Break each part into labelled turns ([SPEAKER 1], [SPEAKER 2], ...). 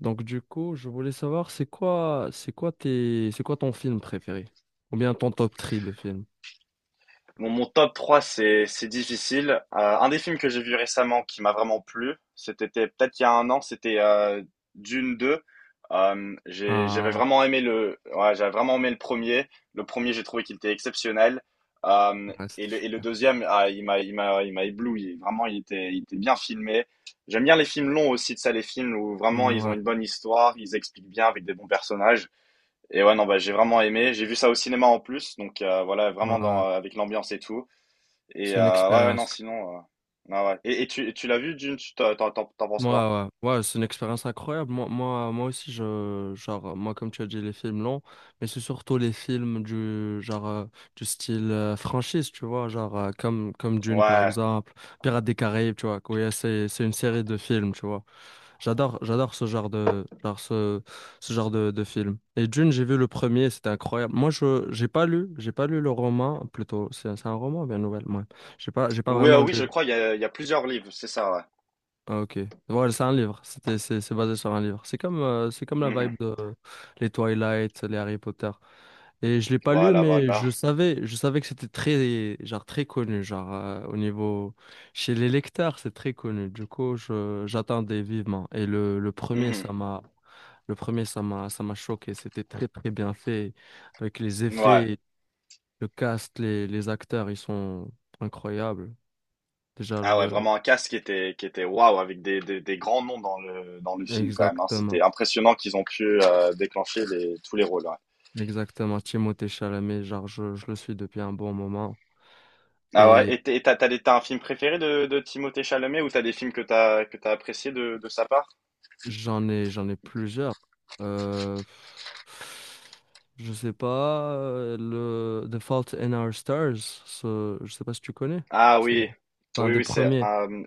[SPEAKER 1] Donc du coup, je voulais savoir c'est quoi ton film préféré? Ou bien ton top 3 de films?
[SPEAKER 2] Mon top 3 c'est difficile. Un des films que j'ai vu récemment qui m'a vraiment plu, c'était peut-être il y a un an, c'était Dune deux. J'avais
[SPEAKER 1] Ah
[SPEAKER 2] vraiment aimé le, ouais, j'avais vraiment aimé le premier. Le premier, j'ai trouvé qu'il était exceptionnel. Euh,
[SPEAKER 1] ouais,
[SPEAKER 2] et
[SPEAKER 1] c'était
[SPEAKER 2] le, et le
[SPEAKER 1] super.
[SPEAKER 2] deuxième, ah, il m'a ébloui. Vraiment, il était bien filmé. J'aime bien les films longs aussi, de ça, les films où vraiment
[SPEAKER 1] Mm,
[SPEAKER 2] ils ont
[SPEAKER 1] ouais,
[SPEAKER 2] une bonne histoire, ils expliquent bien avec des bons personnages. Et ouais, non, bah, j'ai vraiment aimé. J'ai vu ça au cinéma en plus, donc voilà, vraiment dans,
[SPEAKER 1] ouais.
[SPEAKER 2] avec l'ambiance et tout. Et
[SPEAKER 1] C'est une
[SPEAKER 2] ouais, ouais, non,
[SPEAKER 1] expérience.
[SPEAKER 2] sinon, non, ouais. Et tu l'as vu, Dune, tu t'en penses
[SPEAKER 1] Ouais,
[SPEAKER 2] quoi?
[SPEAKER 1] ouais, ouais, c'est une expérience incroyable. Moi aussi, genre, moi, comme tu as dit, les films longs, mais c'est surtout les films genre, du style franchise, tu vois, genre, comme Dune, par
[SPEAKER 2] Ouais.
[SPEAKER 1] exemple, Pirates des Caraïbes, tu vois, quoi, ouais, c'est une série de films, tu vois. J'adore ce genre de film. Et Dune, j'ai vu le premier, c'était incroyable. Moi, j'ai pas lu le roman, plutôt. C'est un roman ou bien une nouvelle? Ouais. J'ai pas
[SPEAKER 2] Oui,
[SPEAKER 1] vraiment
[SPEAKER 2] oui,
[SPEAKER 1] lu.
[SPEAKER 2] je crois, il y a plusieurs livres, c'est ça, ouais.
[SPEAKER 1] Ah, ok. Ouais, c'est un livre. C'est basé sur un livre. C'est comme la vibe
[SPEAKER 2] Mhm.
[SPEAKER 1] de les Twilight, les Harry Potter. Et je l'ai pas lu,
[SPEAKER 2] Voilà,
[SPEAKER 1] mais
[SPEAKER 2] voilà.
[SPEAKER 1] je savais que c'était très, genre très connu, genre au niveau chez les lecteurs, c'est très connu. Du coup, j'attendais vivement. Et le premier,
[SPEAKER 2] Mhm.
[SPEAKER 1] ça m'a choqué. C'était très, très bien fait. Avec les
[SPEAKER 2] Ouais.
[SPEAKER 1] effets, le cast, les acteurs, ils sont incroyables. Déjà,
[SPEAKER 2] Ah ouais,
[SPEAKER 1] le...
[SPEAKER 2] vraiment un cast qui était waouh, avec des grands noms dans le film quand même, hein. C'était
[SPEAKER 1] Exactement.
[SPEAKER 2] impressionnant qu'ils ont pu déclencher les, tous les rôles, ouais.
[SPEAKER 1] Exactement. Timothée Chalamet, genre, je le suis depuis un bon moment.
[SPEAKER 2] Ah ouais,
[SPEAKER 1] Et
[SPEAKER 2] t'as un film préféré de Timothée Chalamet ou t'as des films que t'as apprécié de sa part?
[SPEAKER 1] j'en ai plusieurs. Euh... Je sais pas, le The Fault in Our Stars, je sais pas si tu connais.
[SPEAKER 2] Ah
[SPEAKER 1] C'est
[SPEAKER 2] oui,
[SPEAKER 1] c'est un
[SPEAKER 2] oui,
[SPEAKER 1] des
[SPEAKER 2] oui, c'est,
[SPEAKER 1] premiers.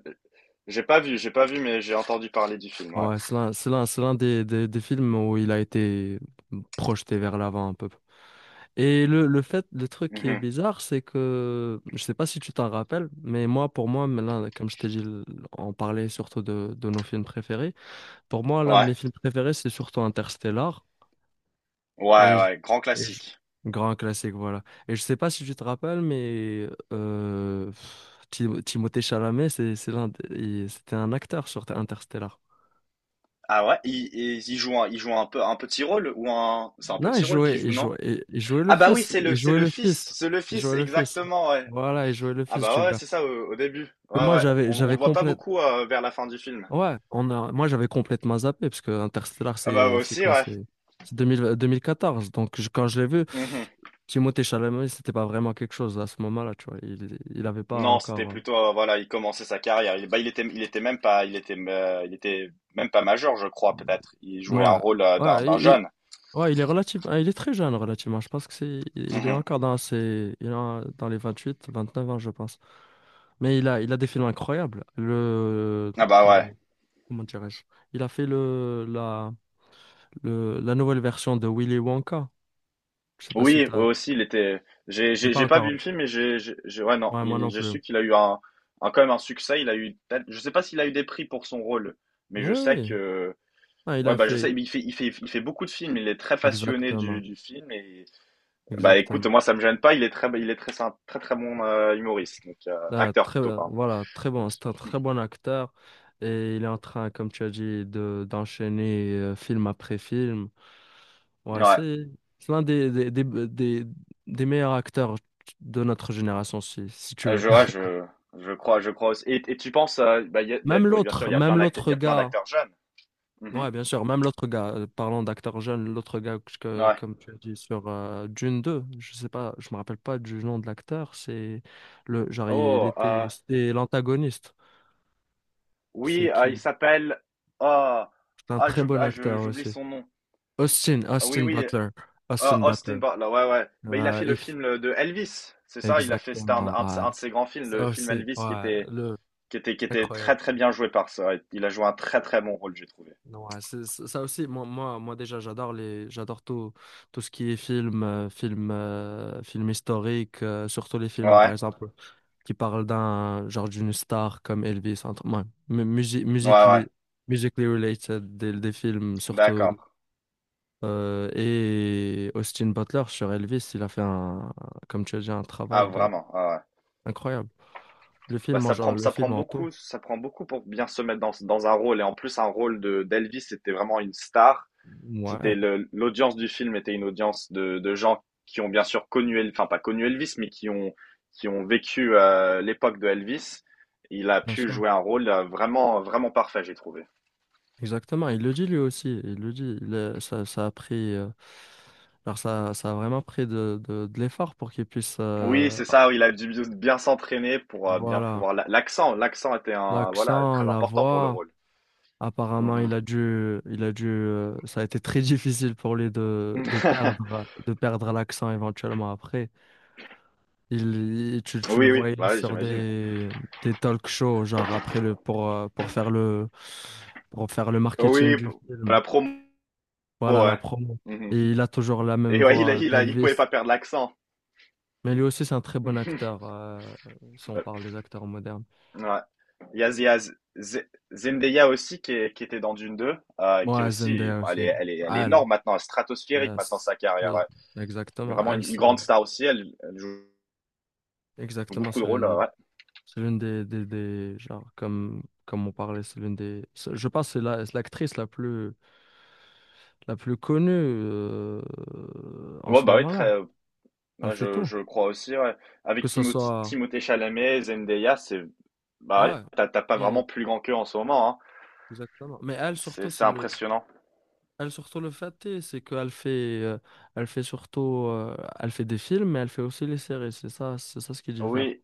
[SPEAKER 2] j'ai pas vu, j'ai pas vu, mais j'ai entendu parler du film, ouais.
[SPEAKER 1] Ouais, c'est l'un des films où il a été projeté vers l'avant un peu. Et le truc qui est
[SPEAKER 2] Mhm.
[SPEAKER 1] bizarre, c'est que, je sais pas si tu t'en rappelles, mais moi, pour moi, mais là, comme je t'ai dit, on parlait surtout de nos films préférés. Pour moi, l'un de mes
[SPEAKER 2] Ouais,
[SPEAKER 1] films préférés, c'est surtout Interstellar.
[SPEAKER 2] ouais,
[SPEAKER 1] Et je-
[SPEAKER 2] ouais, grand
[SPEAKER 1] et je-
[SPEAKER 2] classique.
[SPEAKER 1] Grand classique, voilà. Et je sais pas si tu te rappelles, mais Timothée Chalamet, c'est l'un, des- il- c'était un acteur sur Interstellar.
[SPEAKER 2] Ah ouais, il joue un, il joue un peu un petit rôle ou un, c'est un
[SPEAKER 1] Non, il
[SPEAKER 2] petit rôle qu'il
[SPEAKER 1] jouait, il
[SPEAKER 2] joue, non?
[SPEAKER 1] jouait, il il jouait le
[SPEAKER 2] Ah bah oui,
[SPEAKER 1] fils, il jouait le fils,
[SPEAKER 2] c'est le
[SPEAKER 1] il
[SPEAKER 2] fils,
[SPEAKER 1] jouait le fils
[SPEAKER 2] exactement, ouais.
[SPEAKER 1] Voilà, il jouait le
[SPEAKER 2] Ah
[SPEAKER 1] fils du
[SPEAKER 2] bah ouais,
[SPEAKER 1] gars.
[SPEAKER 2] c'est ça au, au début.
[SPEAKER 1] Que
[SPEAKER 2] Ouais,
[SPEAKER 1] Moi,
[SPEAKER 2] ouais. On le voit pas beaucoup vers la fin du film.
[SPEAKER 1] ouais, j'avais complètement zappé parce que Interstellar,
[SPEAKER 2] Ah bah moi aussi, ouais.
[SPEAKER 1] c'est 2000 2014. Donc, quand je l'ai vu,
[SPEAKER 2] Mhm.
[SPEAKER 1] Timothée Chalamet, c'était pas vraiment quelque chose à ce moment-là, tu vois. Il avait pas
[SPEAKER 2] Non, c'était
[SPEAKER 1] encore,
[SPEAKER 2] plutôt, voilà, il commençait sa carrière. Il, bah, il était même pas, il était même pas majeur, je crois, peut-être. Il jouait un
[SPEAKER 1] ouais,
[SPEAKER 2] rôle d'un,
[SPEAKER 1] ouais,
[SPEAKER 2] d'un jeune.
[SPEAKER 1] ouais, il est très jeune relativement. Je pense que il est
[SPEAKER 2] Mhm.
[SPEAKER 1] encore dans ses, il est en- dans les 28, 29 ans, je pense. Mais il a des films incroyables.
[SPEAKER 2] Ah bah
[SPEAKER 1] Le-
[SPEAKER 2] ouais.
[SPEAKER 1] Comment dirais-je? Il a fait la nouvelle version de Willy Wonka. Je sais pas si
[SPEAKER 2] Oui, eux
[SPEAKER 1] t'as.
[SPEAKER 2] aussi, il était. J'ai,
[SPEAKER 1] Je l'ai
[SPEAKER 2] j'ai,
[SPEAKER 1] pas
[SPEAKER 2] j'ai pas vu
[SPEAKER 1] encore.
[SPEAKER 2] le film, mais ouais, non,
[SPEAKER 1] Ouais, moi
[SPEAKER 2] il,
[SPEAKER 1] non
[SPEAKER 2] je
[SPEAKER 1] plus.
[SPEAKER 2] sais qu'il a eu un, quand même un succès. Il a eu, peut-être- je sais pas s'il a eu des prix pour son rôle, mais je
[SPEAKER 1] Oui,
[SPEAKER 2] sais
[SPEAKER 1] oui.
[SPEAKER 2] que,
[SPEAKER 1] Ah, il
[SPEAKER 2] ouais,
[SPEAKER 1] a
[SPEAKER 2] bah, je sais,
[SPEAKER 1] fait.
[SPEAKER 2] il fait beaucoup de films. Il est très passionné
[SPEAKER 1] Exactement.
[SPEAKER 2] du film et, bah, écoute,
[SPEAKER 1] Exactement.
[SPEAKER 2] moi, ça me gêne pas. Il est très, c'est un très, très bon humoriste, donc
[SPEAKER 1] Ah,
[SPEAKER 2] acteur plutôt, pardon.
[SPEAKER 1] voilà, très bon.
[SPEAKER 2] Donc,
[SPEAKER 1] C'est un très bon acteur. Et il est en train, comme tu as dit, d'enchaîner film après film. Ouais,
[SPEAKER 2] Ouais,
[SPEAKER 1] c'est l'un des meilleurs acteurs de notre génération, si tu veux.
[SPEAKER 2] ouais, je, je crois aussi. Et tu penses, bah,
[SPEAKER 1] Même
[SPEAKER 2] bon, bien sûr, il
[SPEAKER 1] l'autre,
[SPEAKER 2] y a
[SPEAKER 1] même
[SPEAKER 2] plein d'acteurs, il
[SPEAKER 1] l'autre
[SPEAKER 2] y a plein
[SPEAKER 1] gars,
[SPEAKER 2] d'acteurs jeunes. Mhm.
[SPEAKER 1] ouais, bien sûr, même l'autre gars, parlant d'acteur jeune, l'autre gars,
[SPEAKER 2] Ouais.
[SPEAKER 1] comme tu as dit, sur Dune 2, je sais pas, je me rappelle pas du nom de l'acteur, c'est le, genre, il
[SPEAKER 2] Oh,
[SPEAKER 1] était,
[SPEAKER 2] euh,
[SPEAKER 1] c'était l'antagoniste, c'est
[SPEAKER 2] Oui, il
[SPEAKER 1] qui?
[SPEAKER 2] s'appelle. Ah,
[SPEAKER 1] C'est un très
[SPEAKER 2] j'oublie,
[SPEAKER 1] bon acteur
[SPEAKER 2] j'oublie
[SPEAKER 1] aussi.
[SPEAKER 2] son nom.
[SPEAKER 1] Austin,
[SPEAKER 2] Ah, oui,
[SPEAKER 1] Austin
[SPEAKER 2] oui.
[SPEAKER 1] Butler, Austin
[SPEAKER 2] Ah, Austin
[SPEAKER 1] Butler,
[SPEAKER 2] Butler. Ouais, ouais. Bah, il a
[SPEAKER 1] Euh,
[SPEAKER 2] fait le
[SPEAKER 1] if-
[SPEAKER 2] film le- de Elvis. C'est ça, il a fait. C'était
[SPEAKER 1] exactement, ouais.
[SPEAKER 2] un de ses grands films,
[SPEAKER 1] Ça
[SPEAKER 2] le film
[SPEAKER 1] aussi,
[SPEAKER 2] Elvis, qui
[SPEAKER 1] ouais,
[SPEAKER 2] était, qui était, qui
[SPEAKER 1] c'est
[SPEAKER 2] était très,
[SPEAKER 1] incroyable.
[SPEAKER 2] très bien joué par ça. Il a joué un très, très bon rôle, j'ai trouvé.
[SPEAKER 1] Ouais, ça aussi, moi déjà, j'adore tout, tout ce qui est film, film historique, surtout les films, par
[SPEAKER 2] Ouais,
[SPEAKER 1] exemple, qui parlent d'un, genre d'une star comme Elvis, ouais,
[SPEAKER 2] ouais, ouais, ouais.
[SPEAKER 1] musically related, des films, surtout,
[SPEAKER 2] D'accord.
[SPEAKER 1] et Austin Butler sur Elvis, il a fait comme tu as dit, un
[SPEAKER 2] Ah,
[SPEAKER 1] travail
[SPEAKER 2] vraiment. Ah, ouais.
[SPEAKER 1] incroyable. Le
[SPEAKER 2] Bah,
[SPEAKER 1] film en,
[SPEAKER 2] ça
[SPEAKER 1] genre,
[SPEAKER 2] prend,
[SPEAKER 1] le
[SPEAKER 2] ça prend
[SPEAKER 1] film en tout,
[SPEAKER 2] beaucoup, ça prend beaucoup pour bien se mettre dans, dans un rôle. Et en plus, un rôle de d'Elvis, c'était vraiment une star.
[SPEAKER 1] ouais,
[SPEAKER 2] C'était le- l'audience du film était une audience de gens qui ont bien sûr connu, El- enfin pas connu Elvis, mais qui ont vécu l'époque de Elvis. Il a
[SPEAKER 1] bien
[SPEAKER 2] pu
[SPEAKER 1] sûr.
[SPEAKER 2] jouer un rôle vraiment vraiment parfait, j'ai trouvé.
[SPEAKER 1] Exactement, il le dit lui aussi, il le dit, il a- ça a pris, alors ça a vraiment pris de l'effort pour qu'il puisse,
[SPEAKER 2] Oui, c'est ça. Il a dû bien s'entraîner pour bien
[SPEAKER 1] voilà,
[SPEAKER 2] pouvoir la- l'accent. L'accent était un voilà
[SPEAKER 1] l'accent,
[SPEAKER 2] très
[SPEAKER 1] la
[SPEAKER 2] important pour le
[SPEAKER 1] voix,
[SPEAKER 2] rôle.
[SPEAKER 1] apparemment
[SPEAKER 2] Mhm.
[SPEAKER 1] il a dû, ça a été très difficile pour lui de, de perdre, de perdre l'accent éventuellement après. Tu le
[SPEAKER 2] Oui, oui,
[SPEAKER 1] voyais
[SPEAKER 2] bah ouais,
[SPEAKER 1] sur
[SPEAKER 2] j'imagine.
[SPEAKER 1] des talk shows, genre pour faire le marketing
[SPEAKER 2] Oui,
[SPEAKER 1] du
[SPEAKER 2] pour
[SPEAKER 1] film.
[SPEAKER 2] la promo,
[SPEAKER 1] Voilà la
[SPEAKER 2] ouais.
[SPEAKER 1] promo.
[SPEAKER 2] Mhm.
[SPEAKER 1] Et il a toujours la même
[SPEAKER 2] Et ouais, il a,
[SPEAKER 1] voix
[SPEAKER 2] il a, il pouvait
[SPEAKER 1] d'Elvis.
[SPEAKER 2] pas perdre l'accent.
[SPEAKER 1] Mais lui aussi, c'est un très bon acteur, si on parle des acteurs modernes.
[SPEAKER 2] Ouais. Il y a, Z- Zendaya aussi qui, est- qui était dans Dune deux qui est
[SPEAKER 1] Moi,
[SPEAKER 2] aussi,
[SPEAKER 1] Zendaya
[SPEAKER 2] elle
[SPEAKER 1] aussi.
[SPEAKER 2] est, elle est, elle est
[SPEAKER 1] Elle,
[SPEAKER 2] énorme maintenant, elle est stratosphérique maintenant
[SPEAKER 1] yes.
[SPEAKER 2] sa carrière,
[SPEAKER 1] Le-
[SPEAKER 2] ouais.
[SPEAKER 1] Exactement.
[SPEAKER 2] Vraiment
[SPEAKER 1] Elle,
[SPEAKER 2] une grande
[SPEAKER 1] c'est
[SPEAKER 2] star aussi, elle, elle joue
[SPEAKER 1] exactement,
[SPEAKER 2] beaucoup de
[SPEAKER 1] c'est
[SPEAKER 2] rôles,
[SPEAKER 1] l'une,
[SPEAKER 2] ouais.
[SPEAKER 1] c'est l'une des, genre, comme on parlait, c'est l'une des, c'est- je pense, c'est l'actrice la plus connue, en
[SPEAKER 2] Ouais,
[SPEAKER 1] ce
[SPEAKER 2] bah oui, très,
[SPEAKER 1] moment-là. Elle
[SPEAKER 2] ouais,
[SPEAKER 1] fait tout.
[SPEAKER 2] je crois aussi, ouais.
[SPEAKER 1] Que
[SPEAKER 2] Avec
[SPEAKER 1] ce
[SPEAKER 2] Timothée,
[SPEAKER 1] soit,
[SPEAKER 2] Timothée Chalamet, Zendaya, c'est, bah, ouais,
[SPEAKER 1] ouais,
[SPEAKER 2] t'as pas
[SPEAKER 1] mais-
[SPEAKER 2] vraiment plus grand qu'eux en ce moment, hein.
[SPEAKER 1] exactement. Mais elle, surtout,
[SPEAKER 2] C'est
[SPEAKER 1] c'est le,
[SPEAKER 2] impressionnant.
[SPEAKER 1] Elle surtout le fait, c'est qu'elle fait, euh, elle fait surtout, elle fait des films, mais elle fait aussi les séries. C'est ça, ce qui diffère
[SPEAKER 2] Oui.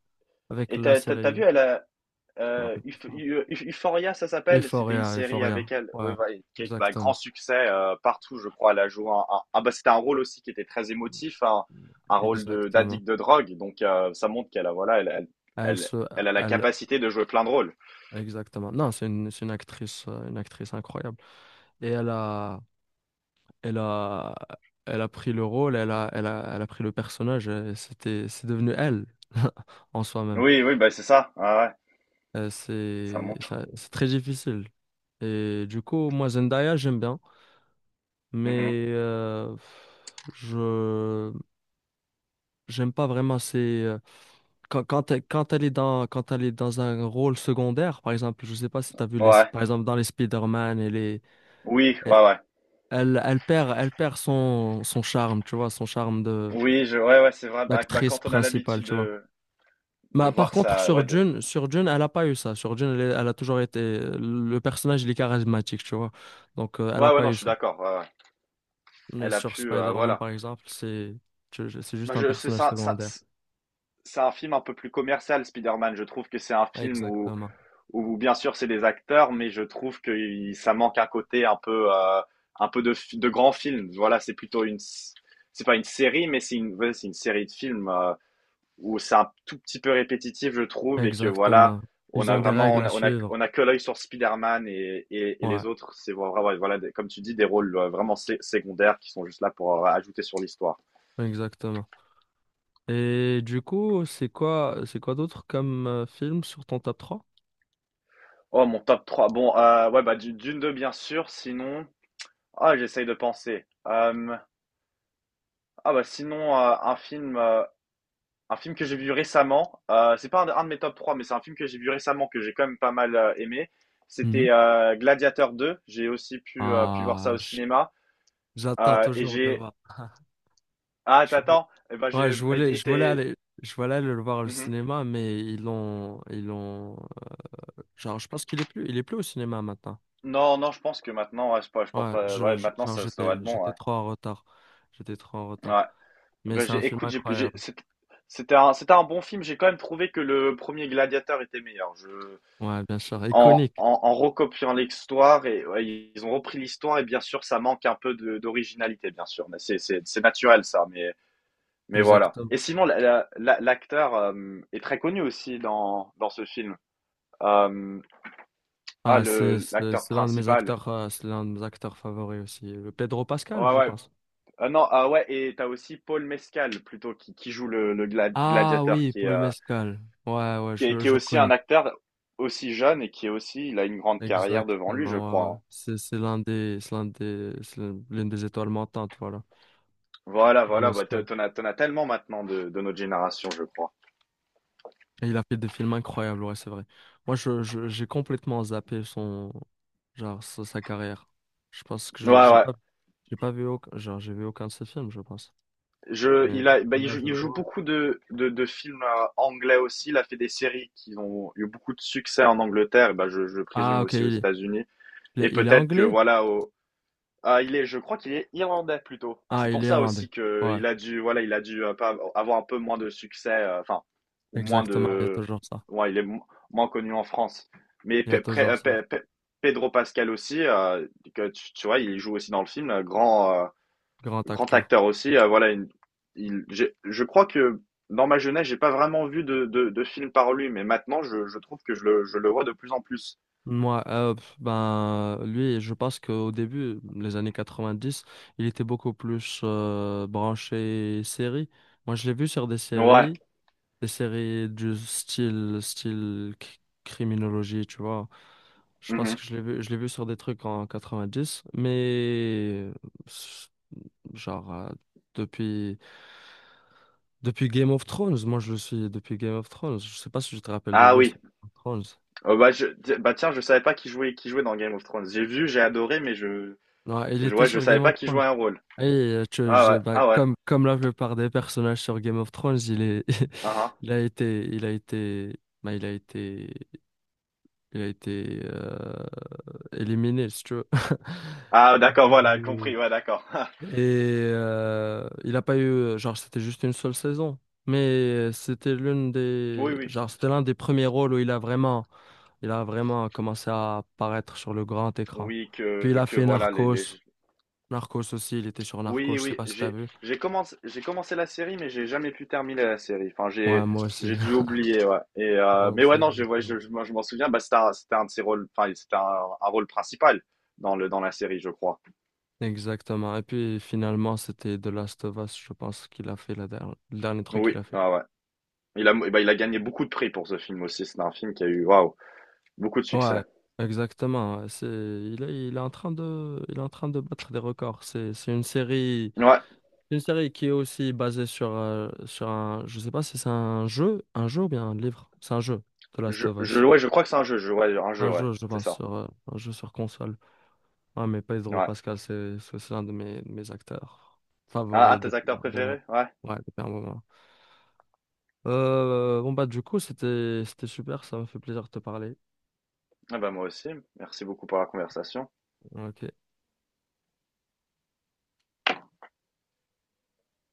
[SPEAKER 1] avec
[SPEAKER 2] Et
[SPEAKER 1] la
[SPEAKER 2] t'as vu,
[SPEAKER 1] série.
[SPEAKER 2] elle, a-
[SPEAKER 1] Je me rappelle plus.
[SPEAKER 2] Euphoria, ça s'appelle. C'était une
[SPEAKER 1] Euphoria,
[SPEAKER 2] série
[SPEAKER 1] Euphoria.
[SPEAKER 2] avec elle,
[SPEAKER 1] Ouais,
[SPEAKER 2] ouais, va- qui a eu un grand
[SPEAKER 1] exactement,
[SPEAKER 2] succès partout, je crois. Elle a joué un- ah, bah, c'était un rôle aussi qui était très émotif, un rôle de
[SPEAKER 1] exactement.
[SPEAKER 2] d'addict de drogue. Donc ça montre qu'elle a, voilà, elle, elle,
[SPEAKER 1] Elle
[SPEAKER 2] elle,
[SPEAKER 1] se,
[SPEAKER 2] elle a la
[SPEAKER 1] elle,
[SPEAKER 2] capacité de jouer plein de rôles.
[SPEAKER 1] exactement. Non, c'est une actrice incroyable. Et elle a, elle a pris le rôle, elle a pris le personnage. Et c'est devenu elle en soi-même.
[SPEAKER 2] Oui, oui, bah c'est ça. Ouais, ouais, ça montre.
[SPEAKER 1] C'est très difficile. Et du coup, moi, Zendaya, j'aime bien,
[SPEAKER 2] Mhm.
[SPEAKER 1] mais je j'aime pas vraiment ses quand elle est dans un rôle secondaire, par exemple, je sais pas si tu as vu les
[SPEAKER 2] Ouais,
[SPEAKER 1] par exemple dans les Spider-Man, elle est
[SPEAKER 2] oui,
[SPEAKER 1] elle,
[SPEAKER 2] ouais, ouais.
[SPEAKER 1] elle, elle perd son charme, tu vois, son charme de
[SPEAKER 2] Oui, je, ouais, ouais, c'est vrai. Bah, bah,
[SPEAKER 1] d'actrice
[SPEAKER 2] quand on a
[SPEAKER 1] principale,
[SPEAKER 2] l'habitude
[SPEAKER 1] tu vois.
[SPEAKER 2] de
[SPEAKER 1] Bah, par
[SPEAKER 2] voir
[SPEAKER 1] contre,
[SPEAKER 2] ça,
[SPEAKER 1] sur
[SPEAKER 2] ouais, de-
[SPEAKER 1] June, sur June, elle a pas eu ça. Sur June, elle a toujours été. Le personnage, il est charismatique, tu vois. Donc, elle
[SPEAKER 2] ouais,
[SPEAKER 1] a
[SPEAKER 2] ouais,
[SPEAKER 1] pas
[SPEAKER 2] non,
[SPEAKER 1] eu
[SPEAKER 2] je suis
[SPEAKER 1] ça.
[SPEAKER 2] d'accord, ouais, ouais.
[SPEAKER 1] Mais
[SPEAKER 2] Elle a
[SPEAKER 1] sur
[SPEAKER 2] pu,
[SPEAKER 1] Spider-Man,
[SPEAKER 2] voilà.
[SPEAKER 1] par exemple, c'est juste
[SPEAKER 2] Bah,
[SPEAKER 1] un
[SPEAKER 2] je, c'est
[SPEAKER 1] personnage
[SPEAKER 2] ça, ça,
[SPEAKER 1] secondaire.
[SPEAKER 2] c'est un film un peu plus commercial, Spider-Man. Je trouve que c'est un film où,
[SPEAKER 1] Exactement.
[SPEAKER 2] où bien sûr, c'est des acteurs, mais je trouve que il- ça manque un côté un peu de, fi- de grand film. Voilà, c'est plutôt une, s- c'est pas une série, mais c'est une, ouais, c'est une série de films où c'est un tout petit peu répétitif, je trouve, et que voilà,
[SPEAKER 1] Exactement.
[SPEAKER 2] on
[SPEAKER 1] Ils
[SPEAKER 2] a
[SPEAKER 1] ont des
[SPEAKER 2] vraiment,
[SPEAKER 1] règles
[SPEAKER 2] on
[SPEAKER 1] à
[SPEAKER 2] a, on a,
[SPEAKER 1] suivre.
[SPEAKER 2] on a que l'œil sur Spider-Man et
[SPEAKER 1] Ouais,
[SPEAKER 2] les autres, c'est vraiment, voilà, des- comme tu dis, des rôles vraiment sé- secondaires qui sont juste là pour ajouter sur l'histoire.
[SPEAKER 1] exactement. Et du coup, c'est quoi d'autre comme film sur ton top 3.
[SPEAKER 2] Oh, mon top 3. Bon, ouais, bah, du- Dune 2, bien sûr. Sinon, ah, j'essaye de penser. Ah bah sinon, un film que j'ai vu récemment, c'est pas un de, un de mes top 3 mais c'est un film que j'ai vu récemment que j'ai quand même pas mal aimé.
[SPEAKER 1] Mhm.
[SPEAKER 2] C'était Gladiator 2. J'ai aussi pu, pu voir ça
[SPEAKER 1] Ah,
[SPEAKER 2] au cinéma.
[SPEAKER 1] j'attends
[SPEAKER 2] Et
[SPEAKER 1] toujours de
[SPEAKER 2] j'ai.
[SPEAKER 1] voir.
[SPEAKER 2] Ah, t'attends. Eh ben
[SPEAKER 1] Ouais,
[SPEAKER 2] j'ai été, été-
[SPEAKER 1] je voulais aller le voir au
[SPEAKER 2] Mhm.
[SPEAKER 1] cinéma, mais ils l'ont, genre, je pense qu'il est plus au cinéma maintenant.
[SPEAKER 2] Non, non, je pense que maintenant, ouais, je pense
[SPEAKER 1] Ouais,
[SPEAKER 2] pas. Ouais, maintenant
[SPEAKER 1] genre,
[SPEAKER 2] ça, ça doit
[SPEAKER 1] j'étais,
[SPEAKER 2] être bon.
[SPEAKER 1] j'étais
[SPEAKER 2] Ouais.
[SPEAKER 1] trop en retard. J'étais trop en
[SPEAKER 2] Ouais.
[SPEAKER 1] retard. Mais
[SPEAKER 2] Ben,
[SPEAKER 1] c'est un
[SPEAKER 2] j'ai,
[SPEAKER 1] film
[SPEAKER 2] écoute, j'ai-
[SPEAKER 1] incroyable.
[SPEAKER 2] c'était c'était un bon film. J'ai quand même trouvé que le premier Gladiator était meilleur. Je
[SPEAKER 1] Ouais, bien sûr,
[SPEAKER 2] En
[SPEAKER 1] iconique.
[SPEAKER 2] en en recopiant l'histoire et ouais, ils ont repris l'histoire et bien sûr ça manque un peu de d'originalité bien sûr, mais c'est naturel ça, mais voilà.
[SPEAKER 1] Exactement.
[SPEAKER 2] Et sinon la l'acteur, hem, est très connu aussi dans ce film. Hem, ah
[SPEAKER 1] Ah, c'est,
[SPEAKER 2] le
[SPEAKER 1] c'est,
[SPEAKER 2] l'acteur
[SPEAKER 1] c'est l'un de mes
[SPEAKER 2] principal.
[SPEAKER 1] acteurs, euh, c'est l'un de mes acteurs favoris aussi. Le Pedro Pascal,
[SPEAKER 2] Ouais,
[SPEAKER 1] je
[SPEAKER 2] ouais.
[SPEAKER 1] pense.
[SPEAKER 2] Ah non, ah ouais et t'as aussi Paul Mescal plutôt qui joue le le
[SPEAKER 1] Ah
[SPEAKER 2] gladiateur
[SPEAKER 1] oui,
[SPEAKER 2] qui est,
[SPEAKER 1] Paul Mescal. Ouais, ouais,
[SPEAKER 2] qui est qui est
[SPEAKER 1] je le
[SPEAKER 2] aussi
[SPEAKER 1] connais.
[SPEAKER 2] un acteur aussi jeune et qui est aussi il a une grande carrière devant lui je
[SPEAKER 1] Exactement,
[SPEAKER 2] crois,
[SPEAKER 1] ouais, ouais.
[SPEAKER 2] hein.
[SPEAKER 1] C'est l'une des étoiles montantes, voilà.
[SPEAKER 2] Voilà,
[SPEAKER 1] Paul
[SPEAKER 2] voilà, bah, t'en
[SPEAKER 1] Mescal.
[SPEAKER 2] t'en as, t'en as tellement maintenant de notre génération, je crois.
[SPEAKER 1] Et il a fait des films incroyables, ouais, c'est vrai. Moi, j'ai complètement zappé genre, sa carrière. Je pense que
[SPEAKER 2] Ouais,
[SPEAKER 1] j'ai
[SPEAKER 2] ouais.
[SPEAKER 1] pas, j'ai pas vu aucun de ses films, je pense.
[SPEAKER 2] Je,
[SPEAKER 1] Mais
[SPEAKER 2] il a, bah,
[SPEAKER 1] là, je
[SPEAKER 2] il
[SPEAKER 1] le
[SPEAKER 2] joue
[SPEAKER 1] vois.
[SPEAKER 2] beaucoup de films anglais aussi. Il a fait des séries qui ont eu beaucoup de succès en Angleterre, bah, je
[SPEAKER 1] Ah,
[SPEAKER 2] présume
[SPEAKER 1] ok,
[SPEAKER 2] aussi aux
[SPEAKER 1] il est,
[SPEAKER 2] États-Unis.
[SPEAKER 1] il est,
[SPEAKER 2] Et
[SPEAKER 1] il est
[SPEAKER 2] peut-être que,
[SPEAKER 1] anglais?
[SPEAKER 2] voilà, au, ah, il est, je crois qu'il est irlandais plutôt.
[SPEAKER 1] Ah,
[SPEAKER 2] C'est
[SPEAKER 1] il
[SPEAKER 2] pour
[SPEAKER 1] est
[SPEAKER 2] ça
[SPEAKER 1] irlandais.
[SPEAKER 2] aussi que
[SPEAKER 1] Ouais,
[SPEAKER 2] il a dû, voilà, il a dû pas avoir un peu moins de succès, enfin, ou moins
[SPEAKER 1] exactement, il y a
[SPEAKER 2] de,
[SPEAKER 1] toujours ça.
[SPEAKER 2] ouais, il est mo- moins connu en France. Mais
[SPEAKER 1] Il y a
[SPEAKER 2] Pe- Pre- euh,
[SPEAKER 1] toujours ça.
[SPEAKER 2] Pe- Pe- Pedro Pascal aussi, que tu vois, il joue aussi dans le film, grand,
[SPEAKER 1] Grand
[SPEAKER 2] grand
[SPEAKER 1] acteur.
[SPEAKER 2] acteur aussi, voilà, une- il, j'ai- je crois que dans ma jeunesse, j'ai pas vraiment vu de film par lui, mais maintenant, je trouve que je le vois de plus en plus.
[SPEAKER 1] Moi, pff, ben, lui, je pense qu'au début, les années 90 il était beaucoup plus branché série. Moi, je l'ai vu sur des
[SPEAKER 2] Ouais.
[SPEAKER 1] séries. Des séries du style criminologie, tu vois. Je pense
[SPEAKER 2] Mhm.
[SPEAKER 1] que je l'ai vu sur des trucs en 90 mais s- genre depuis, depuis Game of Thrones, moi je le suis depuis Game of Thrones. Je sais pas si tu te rappelles de
[SPEAKER 2] Ah
[SPEAKER 1] lui, sur
[SPEAKER 2] oui.
[SPEAKER 1] Game of Thrones.
[SPEAKER 2] Oh, bah, je, ti- bah tiens, je savais pas qui jouait, qui jouait dans Game of Thrones. J'ai vu, j'ai adoré, mais
[SPEAKER 1] Non, il
[SPEAKER 2] je,
[SPEAKER 1] était
[SPEAKER 2] ouais, je
[SPEAKER 1] sur Game
[SPEAKER 2] savais pas
[SPEAKER 1] of
[SPEAKER 2] qui
[SPEAKER 1] Thrones.
[SPEAKER 2] jouait un rôle.
[SPEAKER 1] Et
[SPEAKER 2] Ah ouais,
[SPEAKER 1] bah,
[SPEAKER 2] ah ouais,
[SPEAKER 1] comme la plupart des personnages sur Game of Thrones, il
[SPEAKER 2] ah ah.
[SPEAKER 1] il il a été éliminé, si tu veux.
[SPEAKER 2] Ah, d'accord, voilà, compris, ouais, d'accord.
[SPEAKER 1] Et il a pas eu, genre, c'était juste une seule saison. Mais
[SPEAKER 2] Oui, oui,
[SPEAKER 1] c'était l'un des premiers rôles où il a vraiment commencé à apparaître sur le grand écran.
[SPEAKER 2] oui,
[SPEAKER 1] Puis il a
[SPEAKER 2] que
[SPEAKER 1] fait
[SPEAKER 2] voilà, les...
[SPEAKER 1] Narcos. Narcos aussi, il était sur Narcos,
[SPEAKER 2] Oui,
[SPEAKER 1] je sais
[SPEAKER 2] oui,
[SPEAKER 1] pas si t'as vu.
[SPEAKER 2] j'ai commencé la série, mais j'ai jamais pu terminer la série. Enfin,
[SPEAKER 1] Ouais, moi aussi.
[SPEAKER 2] j'ai dû oublier, ouais. Et,
[SPEAKER 1] Moi
[SPEAKER 2] mais
[SPEAKER 1] aussi,
[SPEAKER 2] ouais, non, je, ouais,
[SPEAKER 1] exactement.
[SPEAKER 2] je, moi, je m'en souviens, bah, c'était un de ses rôles, enfin, c'était un rôle principal dans le, dans la série, je crois.
[SPEAKER 1] Exactement. Et puis finalement, c'était The Last of Us, je pense qu'il a fait le dernier truc qu'il
[SPEAKER 2] Oui,
[SPEAKER 1] a fait.
[SPEAKER 2] ouais, ouais. Il a, bah, il a gagné beaucoup de prix pour ce film aussi. C'est un film qui a eu, waouh, beaucoup de succès.
[SPEAKER 1] Ouais, exactement. Ouais. C'est, il est en train de, il est en train de battre des records. C'est une série,
[SPEAKER 2] Ouais,
[SPEAKER 1] une série qui est aussi basée sur je sais pas si c'est un jeu ou bien un livre. C'est un jeu, The Last of
[SPEAKER 2] je,
[SPEAKER 1] Us.
[SPEAKER 2] ouais, je crois que c'est un jeu, je, ouais, un jeu,
[SPEAKER 1] Un
[SPEAKER 2] ouais,
[SPEAKER 1] jeu, je
[SPEAKER 2] c'est
[SPEAKER 1] pense,
[SPEAKER 2] ça.
[SPEAKER 1] sur, un jeu sur console. Ouais, mais Pedro
[SPEAKER 2] Ouais.
[SPEAKER 1] Pascal, c'est l'un de de mes acteurs
[SPEAKER 2] Ah, ah,
[SPEAKER 1] favoris
[SPEAKER 2] tes
[SPEAKER 1] depuis
[SPEAKER 2] acteurs
[SPEAKER 1] un moment.
[SPEAKER 2] préférés? Ouais.
[SPEAKER 1] Ouais, depuis un moment. Bon bah du coup, c'était super. Ça m'a fait plaisir de te parler.
[SPEAKER 2] Ah bah moi aussi. Merci beaucoup pour la conversation.
[SPEAKER 1] Ok.